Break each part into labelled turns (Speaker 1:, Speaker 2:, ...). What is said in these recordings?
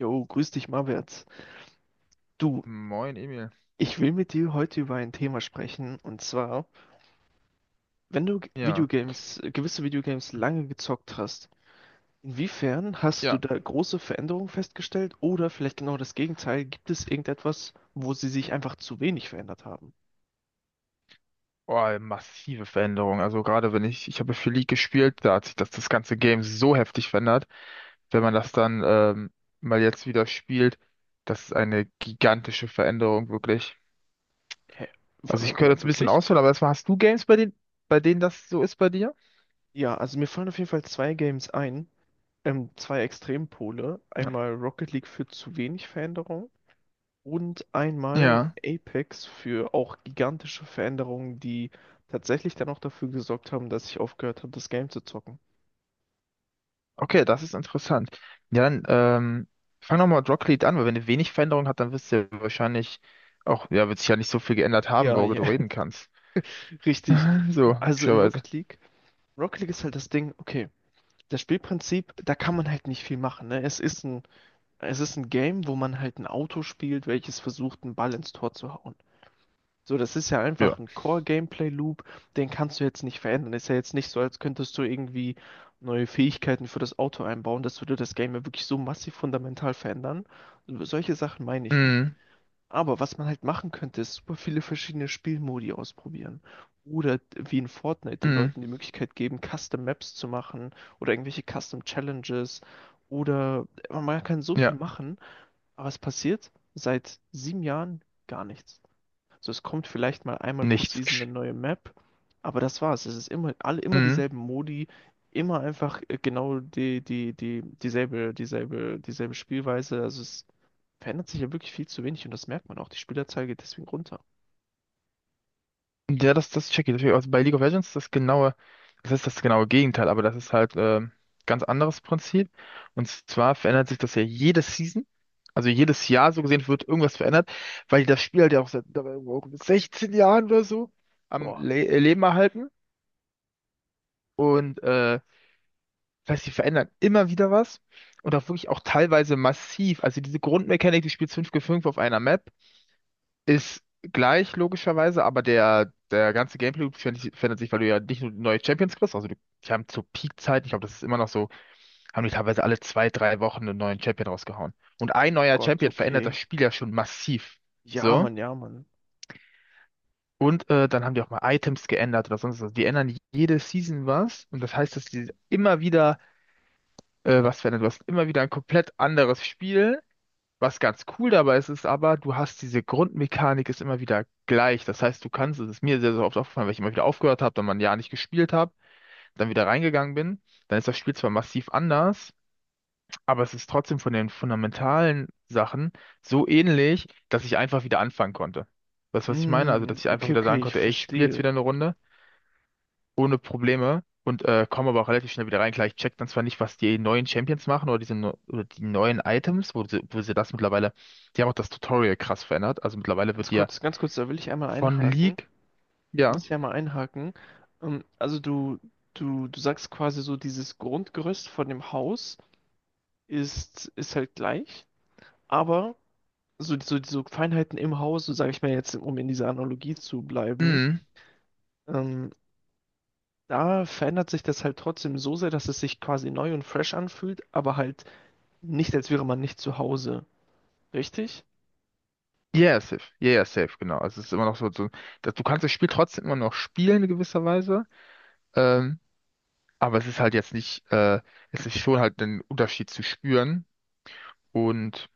Speaker 1: Jo, grüß dich, Marwärts. Du,
Speaker 2: Moin, Emil.
Speaker 1: ich will mit dir heute über ein Thema sprechen, und zwar, wenn du
Speaker 2: Ja,
Speaker 1: Videogames, gewisse Videogames lange gezockt hast, inwiefern hast
Speaker 2: ja.
Speaker 1: du da große Veränderungen festgestellt oder vielleicht genau das Gegenteil? Gibt es irgendetwas, wo sie sich einfach zu wenig verändert haben?
Speaker 2: Oh, massive Veränderung. Also gerade wenn ich habe für League gespielt, da hat sich das ganze Game so heftig verändert. Wenn man das dann mal jetzt wieder spielt, das ist eine gigantische Veränderung, wirklich.
Speaker 1: Hä?
Speaker 2: Also ich
Speaker 1: Warte
Speaker 2: könnte
Speaker 1: mal,
Speaker 2: jetzt ein bisschen
Speaker 1: wirklich?
Speaker 2: ausholen, aber erstmal hast du Games, bei denen das so ist bei dir?
Speaker 1: Ja, also mir fallen auf jeden Fall zwei Games ein, zwei Extrempole.
Speaker 2: Ja.
Speaker 1: Einmal Rocket League führt zu wenig Veränderung, und einmal
Speaker 2: Ja.
Speaker 1: Apex für auch gigantische Veränderungen, die tatsächlich dann auch dafür gesorgt haben, dass ich aufgehört habe, das Game zu zocken.
Speaker 2: Okay, das ist interessant. Ja, dann fang nochmal mit Rocket League an, weil wenn du wenig Veränderung hat, dann wirst du ja wahrscheinlich auch, ja, wird sich ja nicht so viel geändert haben,
Speaker 1: Ja,
Speaker 2: worüber
Speaker 1: ja,
Speaker 2: du reden kannst.
Speaker 1: richtig.
Speaker 2: So.
Speaker 1: Also in Rocket League, Rocket League ist halt das Ding, okay, das Spielprinzip, da kann man halt nicht viel machen, ne? Es ist ein Game, wo man halt ein Auto spielt, welches versucht, einen Ball ins Tor zu hauen. So, das ist ja
Speaker 2: Ja.
Speaker 1: einfach ein Core-Gameplay-Loop, den kannst du jetzt nicht verändern. Ist ja jetzt nicht so, als könntest du irgendwie neue Fähigkeiten für das Auto einbauen. Das würde das Game ja wirklich so massiv fundamental verändern. Solche Sachen meine ich nicht.
Speaker 2: Mhm.
Speaker 1: Aber was man halt machen könnte, ist super viele verschiedene Spielmodi ausprobieren. Oder wie in Fortnite den
Speaker 2: Mhm.
Speaker 1: Leuten die Möglichkeit geben, Custom Maps zu machen oder irgendwelche Custom Challenges. Oder man kann so viel
Speaker 2: Ja.
Speaker 1: machen, aber es passiert seit sieben Jahren gar nichts. So, es kommt vielleicht mal einmal pro
Speaker 2: Nichts.
Speaker 1: Season eine neue Map, aber das war's. Es ist immer, alle immer
Speaker 2: Mhm.
Speaker 1: dieselben Modi, immer einfach genau dieselbe Spielweise. Also es verändert sich ja wirklich viel zu wenig und das merkt man auch. Die Spielerzahl geht deswegen runter.
Speaker 2: Ja, das check ich. Deswegen, also bei League of Legends ist das ist das genaue Gegenteil, aber das ist halt ganz anderes Prinzip. Und zwar verändert sich das ja jede Season. Also jedes Jahr so gesehen wird irgendwas verändert, weil die das Spiel halt ja auch seit dabei auch mit 16 Jahren oder so am
Speaker 1: Boah,
Speaker 2: Le Leben erhalten. Und das heißt, die verändern immer wieder was. Und auch wirklich auch teilweise massiv. Also diese Grundmechanik, du spielst 5 gegen 5 auf einer Map ist gleich logischerweise, aber der ganze Gameplay-Loop verändert sich, weil du ja nicht nur neue Champions kriegst, also du, die haben zur Peak-Zeit, ich glaube, das ist immer noch so, haben die teilweise alle zwei, drei Wochen einen neuen Champion rausgehauen. Und ein neuer
Speaker 1: Gott,
Speaker 2: Champion verändert das
Speaker 1: okay.
Speaker 2: Spiel ja schon massiv.
Speaker 1: Ja,
Speaker 2: So.
Speaker 1: Mann, ja, Mann.
Speaker 2: Und dann haben die auch mal Items geändert oder sonst was. Die ändern jede Season was. Und das heißt, dass die immer wieder was verändern. Du hast immer wieder ein komplett anderes Spiel. Was ganz cool dabei ist, ist aber, du hast diese Grundmechanik ist immer wieder gleich. Das heißt, du kannst, es ist mir sehr, sehr oft aufgefallen, weil ich immer wieder aufgehört habe, dann mal ein Jahr nicht gespielt habe, dann wieder reingegangen bin, dann ist das Spiel zwar massiv anders, aber es ist trotzdem von den fundamentalen Sachen so ähnlich, dass ich einfach wieder anfangen konnte. Weißt du, was ich meine? Also, dass
Speaker 1: Mm,
Speaker 2: ich einfach
Speaker 1: okay,
Speaker 2: wieder sagen
Speaker 1: okay, ich
Speaker 2: konnte, ey, ich spiele jetzt
Speaker 1: verstehe.
Speaker 2: wieder eine Runde ohne Probleme und komme aber auch relativ schnell wieder rein. Klar, ich check dann zwar nicht, was die neuen Champions machen oder oder die neuen Items, wo sie das mittlerweile, die haben auch das Tutorial krass verändert. Also mittlerweile wird die ja
Speaker 1: Ganz kurz, da will ich einmal
Speaker 2: von
Speaker 1: einhaken.
Speaker 2: League,
Speaker 1: Da
Speaker 2: ja.
Speaker 1: muss ich einmal einhaken. Also du sagst quasi so dieses Grundgerüst von dem Haus ist halt gleich, aber so Feinheiten im Haus, so sage ich mal jetzt, um in dieser Analogie zu bleiben,
Speaker 2: Mhm.
Speaker 1: ähm, da verändert sich das halt trotzdem so sehr, dass es sich quasi neu und fresh anfühlt, aber halt nicht, als wäre man nicht zu Hause. Richtig?
Speaker 2: Yeah, safe. Yeah, yeah, safe, genau. Also es ist immer noch so, so dass du kannst das Spiel trotzdem immer noch spielen in gewisser Weise. Ähm, aber es ist halt jetzt nicht, es ist schon halt ein Unterschied zu spüren. Und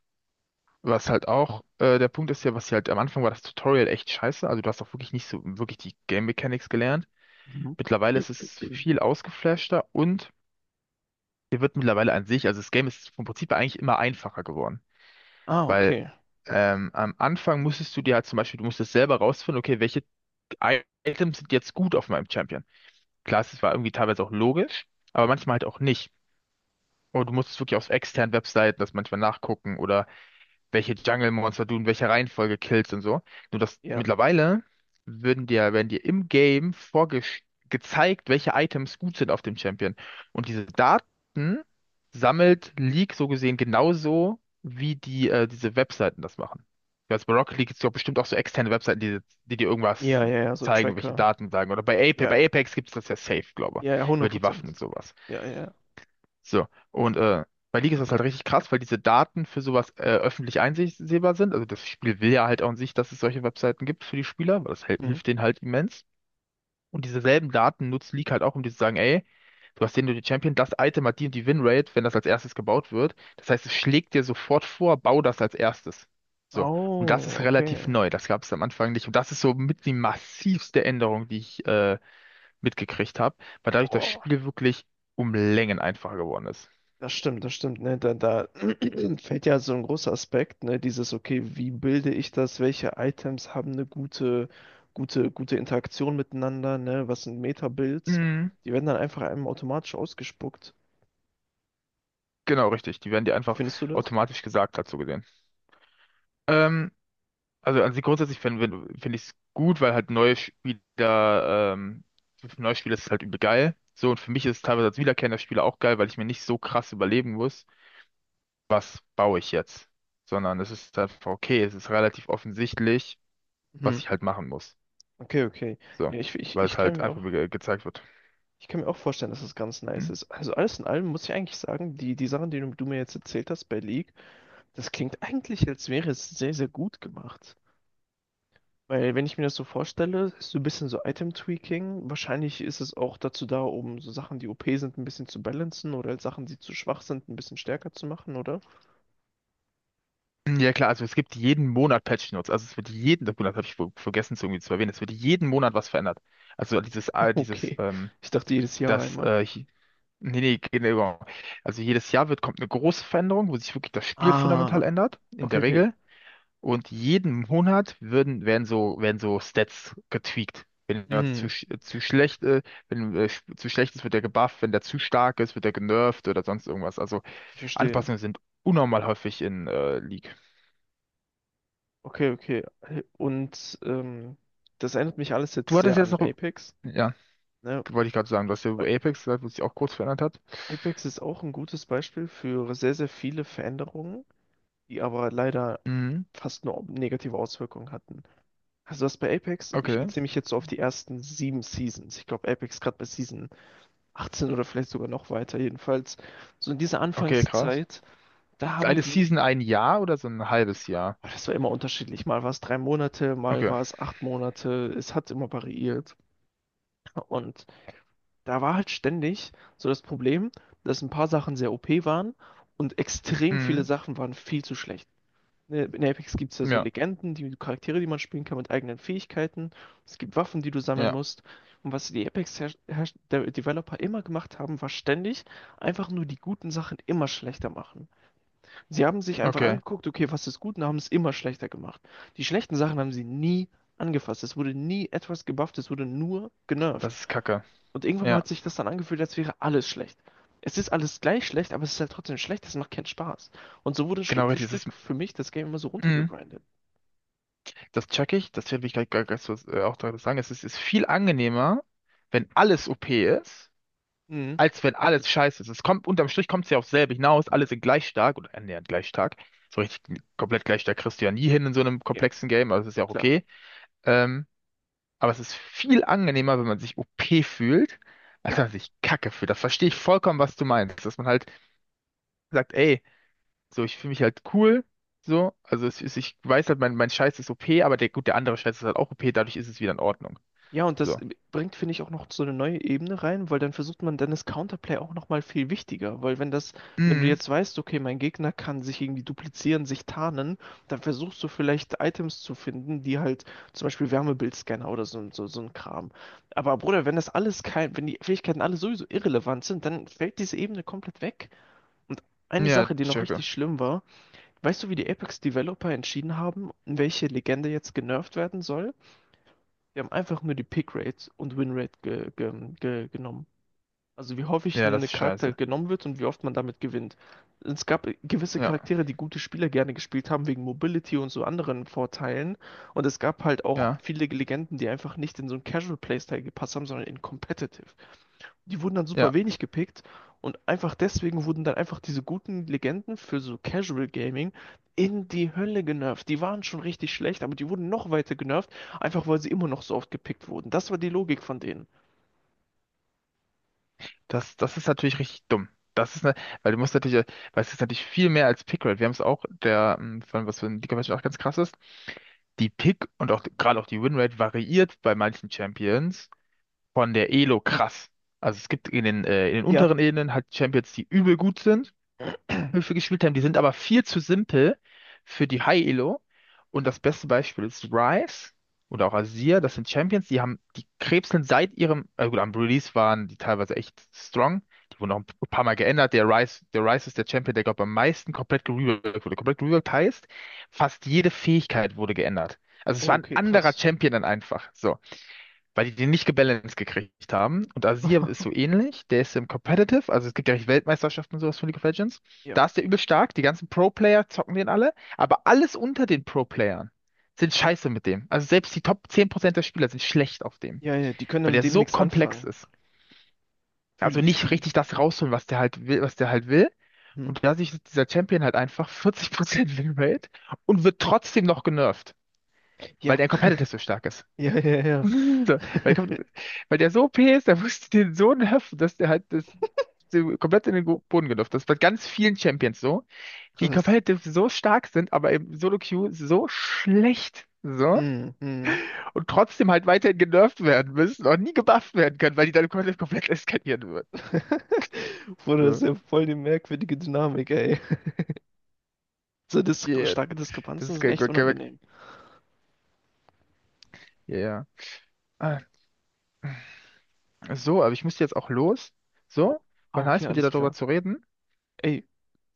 Speaker 2: was halt auch der Punkt ist ja, was hier halt am Anfang war das Tutorial echt scheiße. Also du hast auch wirklich nicht so wirklich die Game Mechanics gelernt.
Speaker 1: Mhm.
Speaker 2: Mittlerweile ist es viel ausgeflashter und dir wird mittlerweile an sich, also das Game ist vom Prinzip her eigentlich immer einfacher geworden.
Speaker 1: Ah,
Speaker 2: Weil
Speaker 1: okay.
Speaker 2: am Anfang musstest du dir halt zum Beispiel, du musstest selber rausfinden, okay, welche Items sind jetzt gut auf meinem Champion. Klar, es war irgendwie teilweise auch logisch, aber manchmal halt auch nicht. Und du musstest wirklich auf externen Webseiten das manchmal nachgucken oder welche Jungle-Monster du in welcher Reihenfolge killst und so. Nur dass
Speaker 1: Ja.
Speaker 2: mittlerweile werden dir im Game gezeigt, welche Items gut sind auf dem Champion. Und diese Daten sammelt League so gesehen genauso, wie die, diese Webseiten das machen. Jetzt bei Rocket League gibt es ja bestimmt auch so externe Webseiten, die dir
Speaker 1: Ja,
Speaker 2: irgendwas
Speaker 1: ja, ja, so
Speaker 2: zeigen, welche
Speaker 1: Tracker.
Speaker 2: Daten sagen. Oder
Speaker 1: Ja,
Speaker 2: bei Apex gibt es das ja safe, glaube
Speaker 1: ja, ja,
Speaker 2: ich, über
Speaker 1: hundert
Speaker 2: die Waffen und
Speaker 1: Prozent.
Speaker 2: sowas.
Speaker 1: Ja, ja.
Speaker 2: So, und bei League ist das halt richtig krass, weil diese Daten für sowas öffentlich einsehbar sind. Also das Spiel will ja halt auch an sich, dass es solche Webseiten gibt für die Spieler, weil das
Speaker 1: Hm.
Speaker 2: hilft denen halt immens. Und diese selben Daten nutzt League halt auch, um dir zu sagen, ey, du hast den und den Champion, das Item hat die und die Winrate, wenn das als erstes gebaut wird. Das heißt, es schlägt dir sofort vor, bau das als erstes. So, und das
Speaker 1: Oh,
Speaker 2: ist relativ
Speaker 1: okay.
Speaker 2: neu, das gab es am Anfang nicht. Und das ist so mit die massivste Änderung, die ich mitgekriegt habe, weil dadurch das
Speaker 1: Boah.
Speaker 2: Spiel wirklich um Längen einfacher geworden ist.
Speaker 1: Das stimmt, ne? Da fällt ja so ein großer Aspekt, ne? Dieses, okay, wie bilde ich das? Welche Items haben eine gute Interaktion miteinander, ne? Was sind Meta-Builds?
Speaker 2: Mhm.
Speaker 1: Die werden dann einfach einem automatisch ausgespuckt.
Speaker 2: Genau, richtig. Die werden dir
Speaker 1: Wie
Speaker 2: einfach
Speaker 1: findest du das?
Speaker 2: automatisch gesagt, dazu gesehen. Ähm, also an sich grundsätzlich find ich es gut, weil halt für neue Spieler ist es halt übel geil. So, und für mich ist es teilweise als wiederkehrender Spieler auch geil, weil ich mir nicht so krass überlegen muss, was baue ich jetzt. Sondern es ist einfach okay, es ist relativ offensichtlich, was
Speaker 1: Mhm.
Speaker 2: ich halt machen muss.
Speaker 1: Okay, okay.
Speaker 2: So,
Speaker 1: Ja,
Speaker 2: weil es halt einfach ge gezeigt wird.
Speaker 1: ich kann mir auch vorstellen, dass das ganz
Speaker 2: Hm?
Speaker 1: nice ist. Also alles in allem muss ich eigentlich sagen, die Sachen, die du mir jetzt erzählt hast bei League, das klingt eigentlich, als wäre es sehr, sehr gut gemacht. Weil wenn ich mir das so vorstelle, ist so ein bisschen so Item-Tweaking. Wahrscheinlich ist es auch dazu da, um so Sachen, die OP sind, ein bisschen zu balancen oder halt Sachen, die zu schwach sind, ein bisschen stärker zu machen, oder?
Speaker 2: Ja klar, also es gibt jeden Monat Patch Notes. Also es wird Monat habe ich vergessen zu irgendwie zu erwähnen, es wird jeden Monat was verändert. Also dieses,
Speaker 1: Okay. Ich dachte jedes Jahr
Speaker 2: das,
Speaker 1: einmal.
Speaker 2: hi- nee, nee, genau. Also jedes Jahr wird, kommt eine große Veränderung, wo sich wirklich das Spiel fundamental
Speaker 1: Ah.
Speaker 2: ändert, in
Speaker 1: Okay,
Speaker 2: der
Speaker 1: okay.
Speaker 2: Regel. Und jeden Monat werden werden so Stats getweakt. Wenn jemand
Speaker 1: Hm,
Speaker 2: zu schlecht, wenn, sch- zu schlecht ist, wird er gebufft. Wenn der zu stark ist, wird er genervt oder sonst irgendwas. Also
Speaker 1: ich verstehe.
Speaker 2: Anpassungen sind unnormal häufig in, League.
Speaker 1: Okay, okay. Und das erinnert mich alles
Speaker 2: Du
Speaker 1: jetzt
Speaker 2: hattest
Speaker 1: sehr
Speaker 2: jetzt
Speaker 1: an
Speaker 2: noch,
Speaker 1: Apex,
Speaker 2: ja,
Speaker 1: ne?
Speaker 2: wollte ich gerade sagen, du hast ja über
Speaker 1: Weil
Speaker 2: Apex gesagt, was sich auch kurz verändert hat.
Speaker 1: Apex ist auch ein gutes Beispiel für sehr, sehr viele Veränderungen, die aber leider
Speaker 2: Mhm.
Speaker 1: fast nur negative Auswirkungen hatten. Also das bei Apex, ich
Speaker 2: Okay.
Speaker 1: beziehe mich jetzt so auf die ersten sieben Seasons. Ich glaube, Apex gerade bei Season 18 oder vielleicht sogar noch weiter. Jedenfalls, so in dieser
Speaker 2: Okay, krass.
Speaker 1: Anfangszeit, da
Speaker 2: Ist
Speaker 1: haben
Speaker 2: eine
Speaker 1: die,
Speaker 2: Season ein Jahr oder so ein halbes Jahr?
Speaker 1: oh, das war immer unterschiedlich. Mal war es drei Monate, mal
Speaker 2: Okay.
Speaker 1: war es acht Monate. Es hat immer variiert. Und da war halt ständig so das Problem, dass ein paar Sachen sehr OP waren und extrem viele
Speaker 2: Mhm.
Speaker 1: Sachen waren viel zu schlecht. Ne, in Apex gibt es ja so
Speaker 2: Ja,
Speaker 1: Legenden, die Charaktere, die man spielen kann mit eigenen Fähigkeiten. Es gibt Waffen, die du sammeln
Speaker 2: ja.
Speaker 1: musst. Und was die Apex-Developer immer gemacht haben, war ständig einfach nur die guten Sachen immer schlechter machen. Sie haben sich einfach
Speaker 2: Okay.
Speaker 1: angeguckt, okay, was ist gut, und haben es immer schlechter gemacht. Die schlechten Sachen haben sie nie angefasst. Es wurde nie etwas gebufft, es wurde nur genervt.
Speaker 2: Das ist Kacke.
Speaker 1: Und irgendwann mal
Speaker 2: Ja,
Speaker 1: hat sich das dann angefühlt, als wäre alles schlecht. Es ist alles gleich schlecht, aber es ist halt trotzdem schlecht, es macht keinen Spaß. Und so wurde
Speaker 2: genau richtig. Das
Speaker 1: Stück
Speaker 2: ist,
Speaker 1: für mich das Game immer so
Speaker 2: mhm.
Speaker 1: runtergegrindet.
Speaker 2: Das check ich. Das werde ich gleich so, auch dazu sagen. Es ist, ist viel angenehmer, wenn alles OP ist,
Speaker 1: Mhm.
Speaker 2: als wenn alles scheiße ist. Es kommt, unterm Strich kommt es ja aufs selbe hinaus, alle sind gleich stark oder annähernd gleich stark. So richtig komplett gleich stark kriegst du ja nie hin in so einem
Speaker 1: Ja,
Speaker 2: komplexen Game, aber das ist ja auch
Speaker 1: klar.
Speaker 2: okay. Ähm, aber es ist viel angenehmer, wenn man sich OP fühlt, als
Speaker 1: Ja.
Speaker 2: wenn man sich Kacke fühlt. Das verstehe ich vollkommen, was du
Speaker 1: Ja,
Speaker 2: meinst. Dass man halt sagt, ey, so, ich fühle mich halt cool. So, also es ist, ich weiß halt, mein Scheiß ist OP, aber der, gut, der andere Scheiß ist halt auch OP, dadurch ist es wieder in Ordnung.
Speaker 1: ja, und das
Speaker 2: So.
Speaker 1: bringt, finde ich, auch noch so eine neue Ebene rein, weil dann versucht man, dann ist Counterplay auch nochmal viel wichtiger, weil wenn das, wenn du
Speaker 2: Mhm.
Speaker 1: jetzt weißt, okay, mein Gegner kann sich irgendwie duplizieren, sich tarnen, dann versuchst du vielleicht Items zu finden, die halt zum Beispiel Wärmebildscanner oder so ein Kram. Aber Bruder, wenn das alles kein, wenn die Fähigkeiten alle sowieso irrelevant sind, dann fällt diese Ebene komplett weg. Und eine
Speaker 2: Ja,
Speaker 1: Sache, die noch
Speaker 2: checke.
Speaker 1: richtig schlimm war, weißt du, wie die Apex-Developer entschieden haben, welche Legende jetzt genervt werden soll? Wir haben einfach nur die Pickrate und Winrate ge ge ge genommen. Also wie häufig
Speaker 2: Ja, das
Speaker 1: ein
Speaker 2: ist
Speaker 1: Charakter
Speaker 2: scheiße.
Speaker 1: genommen wird und wie oft man damit gewinnt. Es gab gewisse
Speaker 2: Ja,
Speaker 1: Charaktere, die gute Spieler gerne gespielt haben, wegen Mobility und so anderen Vorteilen. Und es gab halt auch
Speaker 2: ja,
Speaker 1: viele Legenden, die einfach nicht in so ein Casual Playstyle gepasst haben, sondern in Competitive, die wurden dann super
Speaker 2: ja.
Speaker 1: wenig gepickt und einfach deswegen wurden dann einfach diese guten Legenden für so Casual Gaming in die Hölle genervt. Die waren schon richtig schlecht, aber die wurden noch weiter genervt, einfach weil sie immer noch so oft gepickt wurden. Das war die Logik von denen.
Speaker 2: Das ist natürlich richtig dumm. Das ist ne, weil du musst natürlich, weil es ist natürlich viel mehr als Pickrate. Wir haben es auch, von was für ein Liga auch ganz krass ist, die Pick und auch gerade auch die Winrate variiert bei manchen Champions von der Elo krass. Also es gibt in den
Speaker 1: Ja.
Speaker 2: unteren Ebenen halt Champions, die übel gut sind. Höfe gespielt haben. Die sind aber viel zu simpel für die High-Elo. Und das beste Beispiel ist Ryze oder auch Azir. Das sind Champions, die haben, die krebseln seit ihrem, gut, am Release waren die teilweise echt strong. Die wurden auch ein paar Mal geändert. Der Ryze ist der Champion, der, glaube ich am meisten komplett gereworkt wurde. Komplett gereworkt heißt, fast jede Fähigkeit wurde geändert. Also es
Speaker 1: Oh,
Speaker 2: war ein
Speaker 1: okay,
Speaker 2: anderer
Speaker 1: krass.
Speaker 2: Champion dann einfach. So, weil die den nicht gebalanced gekriegt haben. Und Azir ist so ähnlich, der ist im Competitive, also es gibt ja richtig Weltmeisterschaften und sowas von League of Legends.
Speaker 1: Ja,
Speaker 2: Da ist der übel stark, die ganzen Pro-Player zocken den alle, aber alles unter den Pro-Playern sind scheiße mit dem. Also selbst die Top 10% der Spieler sind schlecht auf dem,
Speaker 1: ja, ja, die können dann
Speaker 2: weil
Speaker 1: mit
Speaker 2: der
Speaker 1: dem
Speaker 2: so
Speaker 1: nichts
Speaker 2: komplex
Speaker 1: anfangen.
Speaker 2: ist.
Speaker 1: Fühl
Speaker 2: Also
Speaker 1: ich,
Speaker 2: nicht
Speaker 1: fühl
Speaker 2: richtig
Speaker 1: ich.
Speaker 2: das rausholen, was der halt will, was der halt will.
Speaker 1: Hm?
Speaker 2: Und da sich dieser Champion halt einfach 40% Winrate und wird trotzdem noch genervt, weil
Speaker 1: Ja,
Speaker 2: der im Competitive so stark ist.
Speaker 1: ja, ja, ja.
Speaker 2: So, weil, kommt, weil der so OP ist, der musste den so nerven, dass der halt das, so komplett in den Boden gelaufen ist. Das ist bei ganz vielen Champions so, die
Speaker 1: Krass.
Speaker 2: competitive so stark sind, aber im Solo-Queue so schlecht. So.
Speaker 1: Hm, hm.
Speaker 2: Und trotzdem halt weiterhin genervt werden müssen und nie gebufft werden können, weil die dann komplett eskalieren würden.
Speaker 1: Bruder, das ist
Speaker 2: So.
Speaker 1: ja voll die merkwürdige Dynamik, ey. So dis
Speaker 2: Yeah.
Speaker 1: starke
Speaker 2: Das
Speaker 1: Diskrepanzen
Speaker 2: ist
Speaker 1: sind echt unangenehm.
Speaker 2: ja, ja. Ah, so, aber ich muss jetzt auch los.
Speaker 1: Oh.
Speaker 2: So,
Speaker 1: Ah,
Speaker 2: war
Speaker 1: okay,
Speaker 2: nice mit dir
Speaker 1: alles
Speaker 2: darüber
Speaker 1: klar.
Speaker 2: zu reden.
Speaker 1: Ey,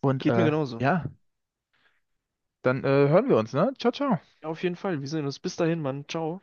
Speaker 2: Und
Speaker 1: geht mir genauso.
Speaker 2: ja, dann hören wir uns, ne? Ciao, ciao.
Speaker 1: Ja, auf jeden Fall. Wir sehen uns. Bis dahin, Mann. Ciao.